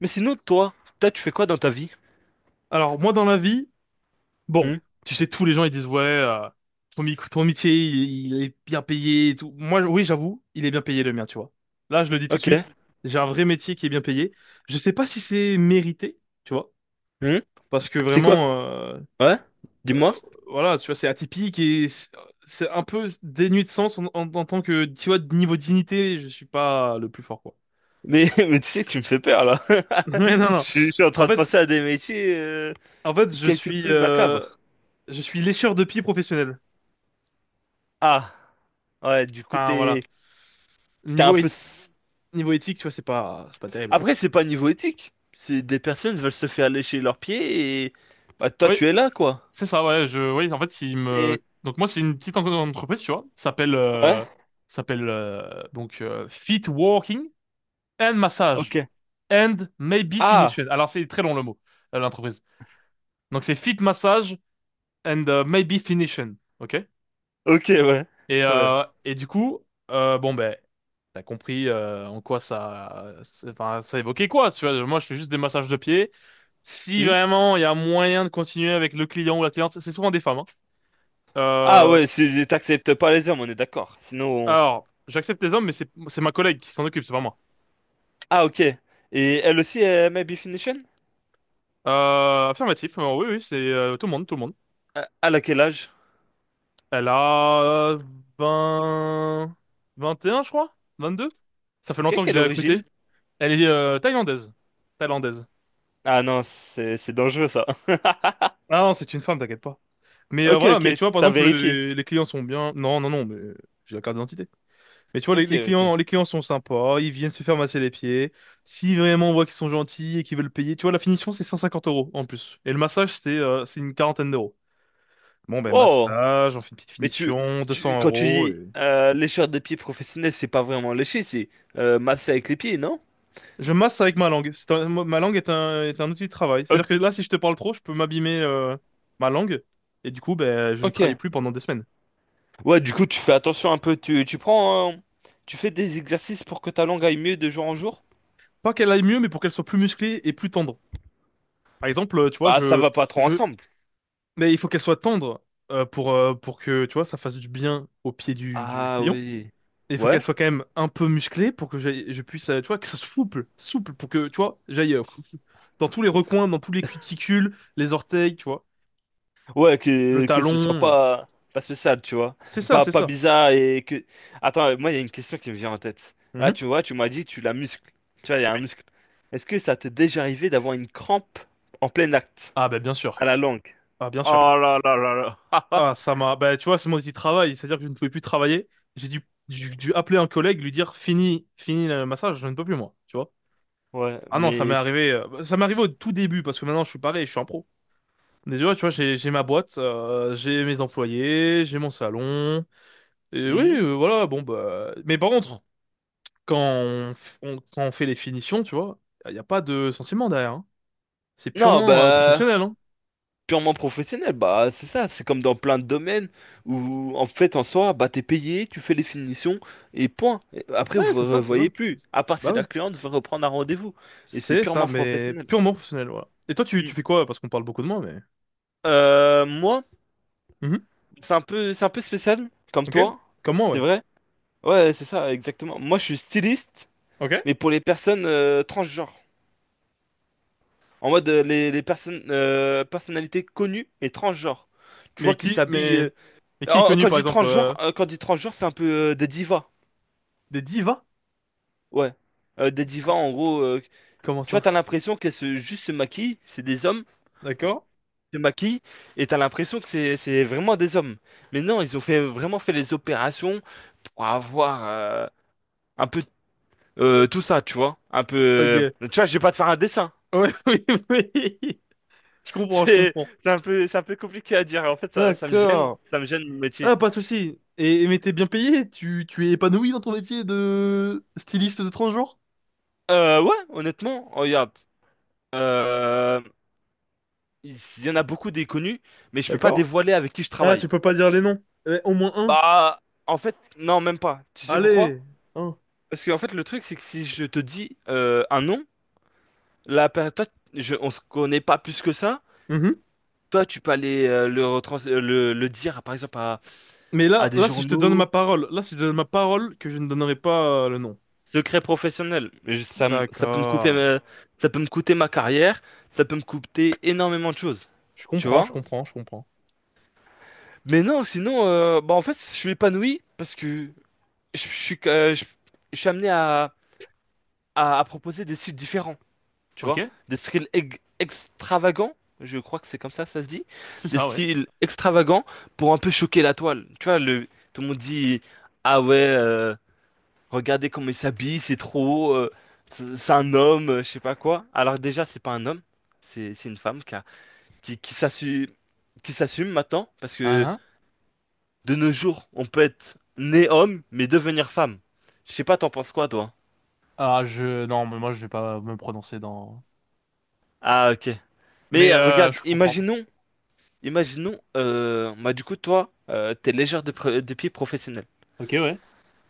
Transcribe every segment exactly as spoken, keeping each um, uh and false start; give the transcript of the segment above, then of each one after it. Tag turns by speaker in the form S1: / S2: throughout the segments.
S1: Mais sinon, toi, toi, tu fais quoi dans ta vie?
S2: Alors moi dans la vie, bon,
S1: Hmm.
S2: tu sais tous les gens ils disent ouais euh, ton, mic- ton métier il, il est bien payé et tout. Moi oui j'avoue il est bien payé le mien tu vois. Là je le dis tout de
S1: Ok.
S2: suite, j'ai un vrai métier qui est bien payé. Je sais pas si c'est mérité tu vois
S1: Hmm.
S2: parce que
S1: C'est quoi?
S2: vraiment euh,
S1: Ouais?
S2: euh,
S1: Dis-moi.
S2: voilà tu vois c'est atypique et c'est c'est un peu dénué de sens en, en- en tant que tu vois de niveau dignité je suis pas le plus fort quoi.
S1: Mais, mais tu sais, tu me fais peur là.
S2: Mais non
S1: Je
S2: non
S1: suis, je suis en
S2: en
S1: train de
S2: fait
S1: passer à des métiers euh,
S2: en fait je
S1: quelque
S2: suis
S1: peu
S2: euh,
S1: macabres.
S2: je suis lécheur de pieds professionnel.
S1: Ah, ouais, du coup,
S2: Enfin
S1: t'es,
S2: voilà.
S1: t'es un
S2: Niveau
S1: peu.
S2: éthi-
S1: s-
S2: Niveau éthique, tu vois, c'est pas, c'est pas terrible, quoi.
S1: Après, c'est pas niveau éthique. C'est des personnes veulent se faire lécher leurs pieds et. Bah, toi,
S2: Oui,
S1: tu es là, quoi.
S2: c'est ça, ouais, je, oui, en fait, il
S1: Mais.
S2: me, donc moi, c'est une petite en- entreprise, tu vois, ça s'appelle,
S1: Ouais?
S2: euh, ça s'appelle, euh, donc, euh, Fit Walking and
S1: Ok.
S2: Massage and Maybe
S1: Ah,
S2: Finishing. Alors, c'est très long le mot, euh, l'entreprise. Donc, c'est Fit Massage and euh, Maybe Finishing, ok?
S1: ok, ouais.
S2: Et,
S1: Ouais.
S2: euh, et du coup, euh, bon ben, t'as compris euh, en quoi ça, c'est- enfin, ça évoquait quoi, tu vois. Moi, je fais juste des massages de pieds. Si
S1: Hmm.
S2: vraiment il y a moyen de continuer avec le client ou la cliente, c'est souvent des femmes, hein.
S1: Ah,
S2: Euh,
S1: ouais, c'est- t'acceptes pas les hommes, on est d'accord. Sinon,
S2: alors, j'accepte les hommes, mais c'est c'est ma collègue qui s'en occupe, c'est pas moi.
S1: Ah, ok. Et elle aussi est Maybe Finition?
S2: Euh, affirmatif, euh, oui, oui, c'est euh, tout le monde, tout le monde.
S1: Ah, elle a quel âge?
S2: Elle a euh, vingt, vingt et un, je crois, vingt-deux. Ça fait
S1: Ok,
S2: longtemps que je
S1: quelle
S2: l'ai recrutée.
S1: origine?
S2: Elle est euh, thaïlandaise. Thaïlandaise.
S1: Ah non, c'est c'est dangereux ça.
S2: Ah non, c'est une femme, t'inquiète pas. Mais euh,
S1: Ok,
S2: voilà,
S1: ok,
S2: mais tu vois, par
S1: t'as
S2: exemple,
S1: vérifié.
S2: les, les clients sont bien. Non, non, non, mais j'ai la carte d'identité. Mais tu vois, les,
S1: Ok,
S2: les
S1: ok.
S2: clients, les clients sont sympas, ils viennent se faire masser les pieds. Si vraiment on voit qu'ils sont gentils et qu'ils veulent payer, tu vois, la finition, c'est cent cinquante euros en plus. Et le massage, c'est euh, c'est une quarantaine d'euros. Bon, ben,
S1: Oh!
S2: massage, on fait une petite
S1: Mais tu,
S2: finition,
S1: tu
S2: 200
S1: quand tu
S2: euros.
S1: dis
S2: Et...
S1: euh, lécheur de pieds professionnel, c'est pas vraiment lécher, c'est euh, masser avec les pieds, non?
S2: Je masse avec ma langue. C'est un- ma langue est un, est un outil de travail. C'est-à-dire que
S1: Ok.
S2: là, si je te parle trop, je peux m'abîmer euh, ma langue. Et du coup, ben, je ne travaille
S1: Ok.
S2: plus pendant des semaines.
S1: Ouais, du coup, tu fais attention un peu. Tu, tu prends. euh, tu fais des exercices pour que ta langue aille mieux de jour en jour?
S2: Pas qu'elle aille mieux, mais pour qu'elle soit plus musclée et plus tendre. Par exemple, euh, tu vois,
S1: Bah, ça
S2: je,
S1: va pas trop
S2: je,
S1: ensemble.
S2: mais il faut qu'elle soit tendre euh, pour euh, pour que tu vois ça fasse du bien au pied du du
S1: Ah
S2: client.
S1: oui.
S2: Et il faut qu'elle
S1: Ouais?
S2: soit quand même un peu musclée pour que j'aille- je puisse, euh, tu vois, que ça soit souple, souple pour que tu vois j'aille euh, fou- fou- dans tous les recoins, dans tous les cuticules, les orteils, tu vois,
S1: Ouais,
S2: le
S1: que, que ce soit
S2: talon. euh.
S1: pas, pas spécial, tu vois.
S2: C'est ça,
S1: Pas,
S2: c'est
S1: pas
S2: ça.
S1: bizarre et que. Attends, moi, il y a une question qui me vient en tête. Là,
S2: Mhm.
S1: tu vois, tu m'as dit, tu la muscles. Tu vois, il y a un
S2: Oui.
S1: muscle. Est-ce que ça t'est déjà arrivé d'avoir une crampe en plein acte,
S2: Ah bah bien
S1: à
S2: sûr.
S1: la langue?
S2: Ah bien
S1: Oh
S2: sûr.
S1: là là là là.
S2: Ah ça m'a, bah tu vois, c'est mon petit travail, c'est-à-dire que je ne pouvais plus travailler. J'ai dû, dû, dû appeler un collègue, lui dire fini, fini le massage, je ne peux plus moi, tu vois.
S1: Ouais,
S2: Ah non, ça m'est
S1: mais.
S2: arrivé, euh, ça m'est arrivé au tout début parce que maintenant je suis pareil, je suis un pro. Déjà, tu vois, j'ai j'ai ma boîte, euh, j'ai mes employés, j'ai mon salon. Et oui,
S1: Hmm.
S2: euh, voilà, bon bah. Mais par contre, quand on, f- on- quand on fait les finitions, tu vois, il n'y a pas de sentiment derrière, hein. C'est
S1: Non,
S2: purement euh,
S1: bah,
S2: professionnel, hein.
S1: purement professionnel, bah c'est ça, c'est comme dans plein de domaines où en fait en soi, bah t'es payé, tu fais les finitions et point. Et après
S2: Ouais,
S1: vous
S2: c'est
S1: ne
S2: ça, c'est
S1: revoyez
S2: ça.
S1: plus, à part si
S2: Bah
S1: la
S2: ouais,
S1: cliente veut reprendre un rendez-vous et c'est
S2: c'est ça,
S1: purement
S2: mais
S1: professionnel.
S2: purement professionnel, voilà. Et toi, tu, tu
S1: Mm.
S2: fais quoi? Parce qu'on parle beaucoup de moi, mais.
S1: Euh, moi,
S2: Mhm.
S1: c'est un peu, c'est un peu spécial comme
S2: Ok,
S1: toi,
S2: comme moi,
S1: c'est
S2: ouais.
S1: vrai? Ouais, c'est ça, exactement. Moi je suis styliste,
S2: Ok.
S1: mais pour les personnes euh, transgenres, en mode euh, les, les personnes euh, personnalités connues et transgenres. Tu vois
S2: Mais
S1: qu'ils
S2: qui,
S1: s'habillent.
S2: mais,
S1: euh,
S2: mais qui est
S1: En-
S2: connu,
S1: Quand je
S2: par
S1: dis
S2: exemple,
S1: transgenre,
S2: euh,
S1: euh, quand je dis transgenre, c'est un peu euh, des divas.
S2: des divas?
S1: Ouais. Euh, des
S2: C-
S1: divas, en gros. euh,
S2: Comment
S1: tu vois,
S2: ça?
S1: t'as l'impression qu'elles se, juste se maquillent. C'est des hommes,
S2: D'accord?
S1: se maquillent. Et t'as l'impression que c'est, c'est vraiment des hommes. Mais non, ils ont fait, vraiment fait les opérations pour avoir euh, un peu euh, tout ça, tu vois. Un peu. euh,
S2: Ok.
S1: Tu vois, je vais pas te faire un dessin.
S2: Ouais, oui, oui. Je comprends, je
S1: C'est,
S2: comprends.
S1: c'est un peu, c'est un peu compliqué à dire. En fait, ça, ça me gêne.
S2: D'accord.
S1: Ça me gêne mon métier.
S2: Ah, pas de souci. Et, mais t'es bien payé? Tu, tu es épanoui dans ton métier de styliste de transgenre?
S1: Euh, ouais, honnêtement, regarde. euh, il y en a beaucoup des connus, mais je peux pas
S2: D'accord?
S1: dévoiler avec qui je
S2: Ah,
S1: travaille.
S2: tu peux pas dire les noms. Eh, au moins un.
S1: Bah, en fait, non, même pas. Tu sais pourquoi?
S2: Allez, un.
S1: Parce qu'en fait, le truc, c'est que si je te dis euh, un nom, la per- toi, je, on se connaît pas plus que ça.
S2: Mhm.
S1: Toi, tu peux aller euh, le, retrans- euh, le, le dire, par exemple, à,
S2: Mais là,
S1: à des
S2: là, si je te donne ma
S1: journaux,
S2: parole, là, si je te donne ma parole, que je ne donnerai pas euh, le nom.
S1: secret professionnel. Je- ça, me- ça peut me couper,
S2: D'accord.
S1: ma- ça peut me coûter ma carrière, ça peut me coûter énormément de choses.
S2: Je
S1: Tu
S2: comprends, je
S1: vois?
S2: comprends, je comprends.
S1: Mais non, sinon, euh, bah en fait, je suis épanoui parce que je, je suis, euh, je, je suis amené à, à, à proposer des styles différents, tu
S2: Ok,
S1: vois, des styles ex- extravagants, je crois que c'est comme ça, ça se dit,
S2: c'est
S1: des
S2: ça, ouais.
S1: styles extravagants pour un peu choquer la toile. Tu vois, le, tout le monde dit, ah ouais, euh, regardez comment il s'habille, c'est trop haut, euh, c'est c'est un homme, euh, je sais pas quoi. Alors déjà, c'est pas un homme, c'est c'est une femme qui a- qui, qui s'assume, qui s'assume maintenant, parce que
S2: Ah, ah.
S1: de nos jours, on peut être né homme, mais devenir femme. Je sais pas, t'en penses quoi, toi?
S2: Ah, je. Non, mais moi, je vais pas me prononcer dans.
S1: Ah, ok.
S2: Mais
S1: Mais
S2: euh,
S1: regarde,
S2: je comprends.
S1: imaginons, imaginons, euh, bah du coup, toi, euh, t'es légère de, pre- de pied professionnel.
S2: Ok, ouais.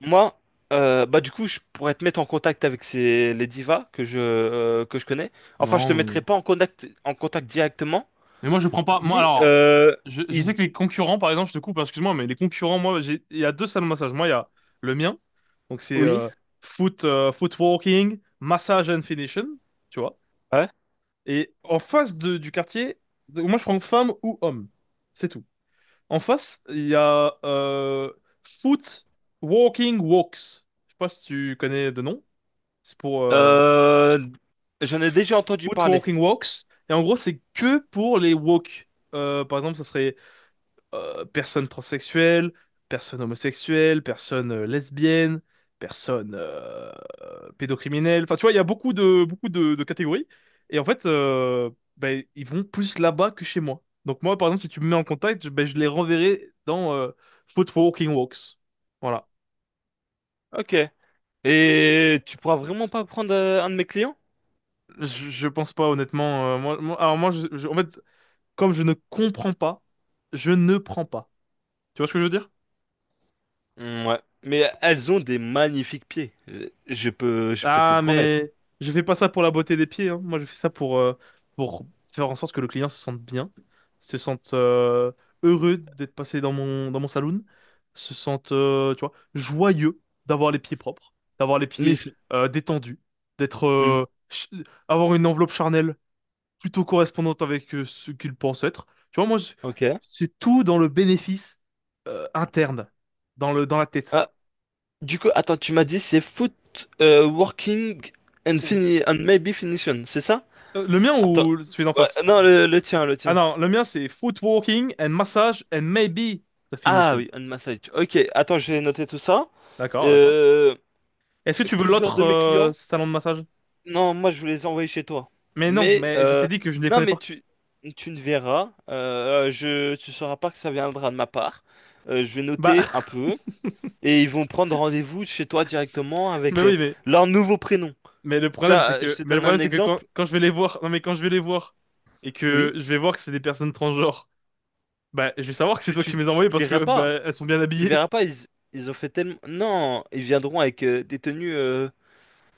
S1: Moi, euh, bah du coup, je pourrais te mettre en contact avec ces, les divas que je, euh, que je connais. Enfin, je
S2: Non,
S1: te mettrai
S2: mais...
S1: pas en contact, en contact directement,
S2: mais moi je prends pas. Moi
S1: mais
S2: alors,
S1: euh,
S2: je, je
S1: il-
S2: sais que les concurrents, par exemple, je te coupe, hein, excuse-moi, mais les concurrents, moi, j'ai il y a deux salles de massage. Moi, il y a le mien, donc c'est
S1: oui,
S2: euh, foot, euh, foot walking, massage and finishing, tu vois.
S1: ouais.
S2: Et en face de, du quartier, donc moi je prends femme ou homme, c'est tout. En face, il y a euh, foot walking walks. Je sais pas si tu connais de nom. C'est pour euh,
S1: Euh, J'en ai déjà entendu
S2: foot
S1: parler.
S2: walking walks. Et en gros, c'est que pour les walks. Euh, par exemple, ça serait euh, personne transsexuelle, personne homosexuelle, personne euh, lesbienne, personne euh, pédocriminelle. Enfin, tu vois, il y a beaucoup de beaucoup de, de catégories. Et en fait, euh, ben, ils vont plus là-bas que chez moi. Donc moi, par exemple, si tu me mets en contact, je, ben, je les renverrai dans euh, Footwalking Walks. Voilà.
S1: Ok. Et tu pourras vraiment pas prendre euh, un de mes clients?
S2: Je, je pense pas, honnêtement. euh, moi, moi- alors moi, je- je- en fait, comme je ne comprends pas, je ne prends pas. Tu vois ce que je veux dire?
S1: Mm, ouais. Mais elles ont des magnifiques pieds. Je je peux, je peux te le
S2: Ah,
S1: promettre.
S2: mais je fais pas ça pour la beauté des pieds, hein. Moi, je fais ça pour, euh, pour faire en sorte que le client se sente bien, se sente euh, heureux d'être passé dans mon, dans mon saloon, se sente, euh, tu vois, joyeux d'avoir les pieds propres, d'avoir les pieds
S1: Mais.
S2: euh, détendus, d'être,
S1: Hmm.
S2: euh, ch- avoir une enveloppe charnelle plutôt correspondante avec euh, ce qu'il pense être. Tu vois, moi, je-
S1: Ok.
S2: c'est tout dans le bénéfice euh, interne, dans le, dans la tête.
S1: Ah, du coup, attends, tu m'as dit c'est foot euh, working and fini and maybe finition, c'est ça?
S2: Euh, Le mien
S1: Attends.
S2: ou celui d'en
S1: Ouais,
S2: face?
S1: non, le, le tien, le
S2: Ah
S1: tien.
S2: non, le mien c'est footwalking and massage and maybe the
S1: Ah
S2: finishing.
S1: oui, un massage. Ok, attends, je vais noter tout ça.
S2: D'accord, d'accord.
S1: Euh,
S2: Est-ce que tu veux
S1: plusieurs
S2: l'autre
S1: de mes
S2: euh,
S1: clients.
S2: salon de massage?
S1: Non, moi je vais les envoyer chez toi.
S2: Mais non,
S1: Mais
S2: mais je t'ai
S1: euh,
S2: dit que je ne les
S1: non,
S2: prenais
S1: mais
S2: pas.
S1: tu tu ne verras. Euh, je tu sauras pas que ça viendra de ma part. Euh, je vais
S2: Bah,
S1: noter un peu et ils vont prendre rendez-vous chez toi directement
S2: mais
S1: avec euh,
S2: oui, mais
S1: leur nouveau prénom.
S2: mais le
S1: Tu
S2: problème c'est
S1: vois, euh, je
S2: que
S1: te
S2: mais le
S1: donne
S2: problème
S1: un
S2: c'est que quand
S1: exemple.
S2: quand je vais les voir, non mais quand je vais les voir et que
S1: Oui.
S2: je vais voir que c'est des personnes transgenres, bah je vais savoir que c'est
S1: Tu,
S2: toi
S1: tu,
S2: qui me les as
S1: tu
S2: envoyées
S1: le
S2: parce
S1: verras
S2: que
S1: pas.
S2: bah elles sont bien
S1: Tu le
S2: habillées.
S1: verras pas. Ils, ils ont fait tellement. Non, ils viendront avec euh, des tenues euh,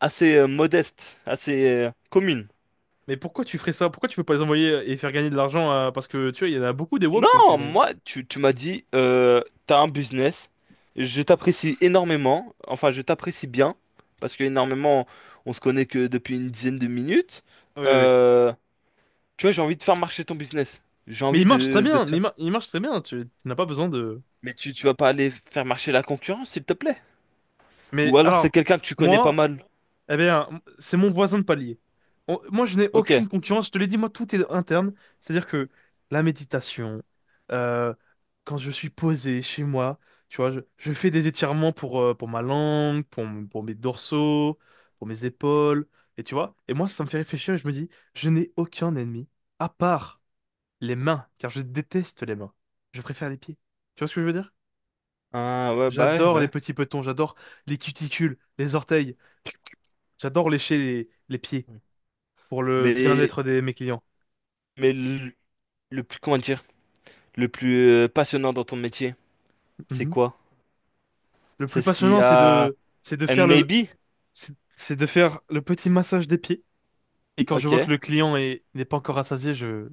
S1: assez euh, modestes, assez euh, communes.
S2: Mais pourquoi tu ferais ça? Pourquoi tu veux pas les envoyer et faire gagner de l'argent à- Parce que tu vois, il y en a beaucoup des woks donc
S1: Non,
S2: ils ont.
S1: moi, tu, tu m'as dit, euh, t'as un business. Je t'apprécie énormément. Enfin, je t'apprécie bien. Parce que énormément, on se connaît que depuis une dizaine de minutes.
S2: Oui, oui.
S1: Euh, Tu vois, j'ai envie de faire marcher ton business. J'ai
S2: Mais
S1: envie
S2: ils marchent très
S1: de, de
S2: bien.
S1: te
S2: Mais ils
S1: faire.
S2: mar- ils marchent très bien. Tu tu n'as pas besoin de.
S1: Mais tu, tu vas pas aller faire marcher la concurrence, s'il te plaît. Ou
S2: Mais
S1: alors c'est
S2: alors,
S1: quelqu'un que tu connais pas
S2: moi,
S1: mal.
S2: eh bien, c'est mon voisin de palier. On- Moi, je n'ai
S1: Ok.
S2: aucune concurrence. Je te l'ai dit, moi, tout est interne. C'est-à-dire que la méditation, euh, quand je suis posé chez moi, tu vois, je, je fais des étirements pour, euh, pour ma langue, pour, m- pour mes dorsaux, pour mes épaules, et tu vois. Et moi, ça me fait réfléchir et je me dis, je n'ai aucun ennemi, à part les mains, car je déteste les mains. Je préfère les pieds. Tu vois ce que je veux dire?
S1: Ah ouais, bah ouais,
S2: J'adore les
S1: ouais.
S2: petits petons, j'adore les cuticules, les orteils. J'adore lécher les, les pieds pour le
S1: Mais,
S2: bien-être de mes clients.
S1: mais le, le plus, comment dire, le plus euh, passionnant dans ton métier, c'est
S2: Mhm.
S1: quoi?
S2: Le
S1: C'est
S2: plus
S1: ce qu'il y
S2: passionnant, c'est
S1: a.
S2: de, c'est de
S1: And
S2: faire le,
S1: maybe?
S2: c'est c'est de faire le petit massage des pieds. Et quand je
S1: Ok.
S2: vois que le client est, n'est pas encore rassasié, je,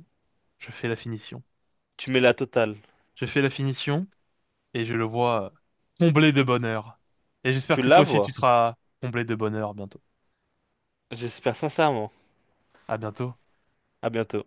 S2: je fais la finition.
S1: Tu mets la totale.
S2: Je fais la finition et je le vois comblé de bonheur. Et j'espère
S1: Tu
S2: que
S1: la
S2: toi aussi tu
S1: vois?
S2: seras comblé de bonheur bientôt.
S1: J'espère sincèrement.
S2: À bientôt.
S1: À bientôt.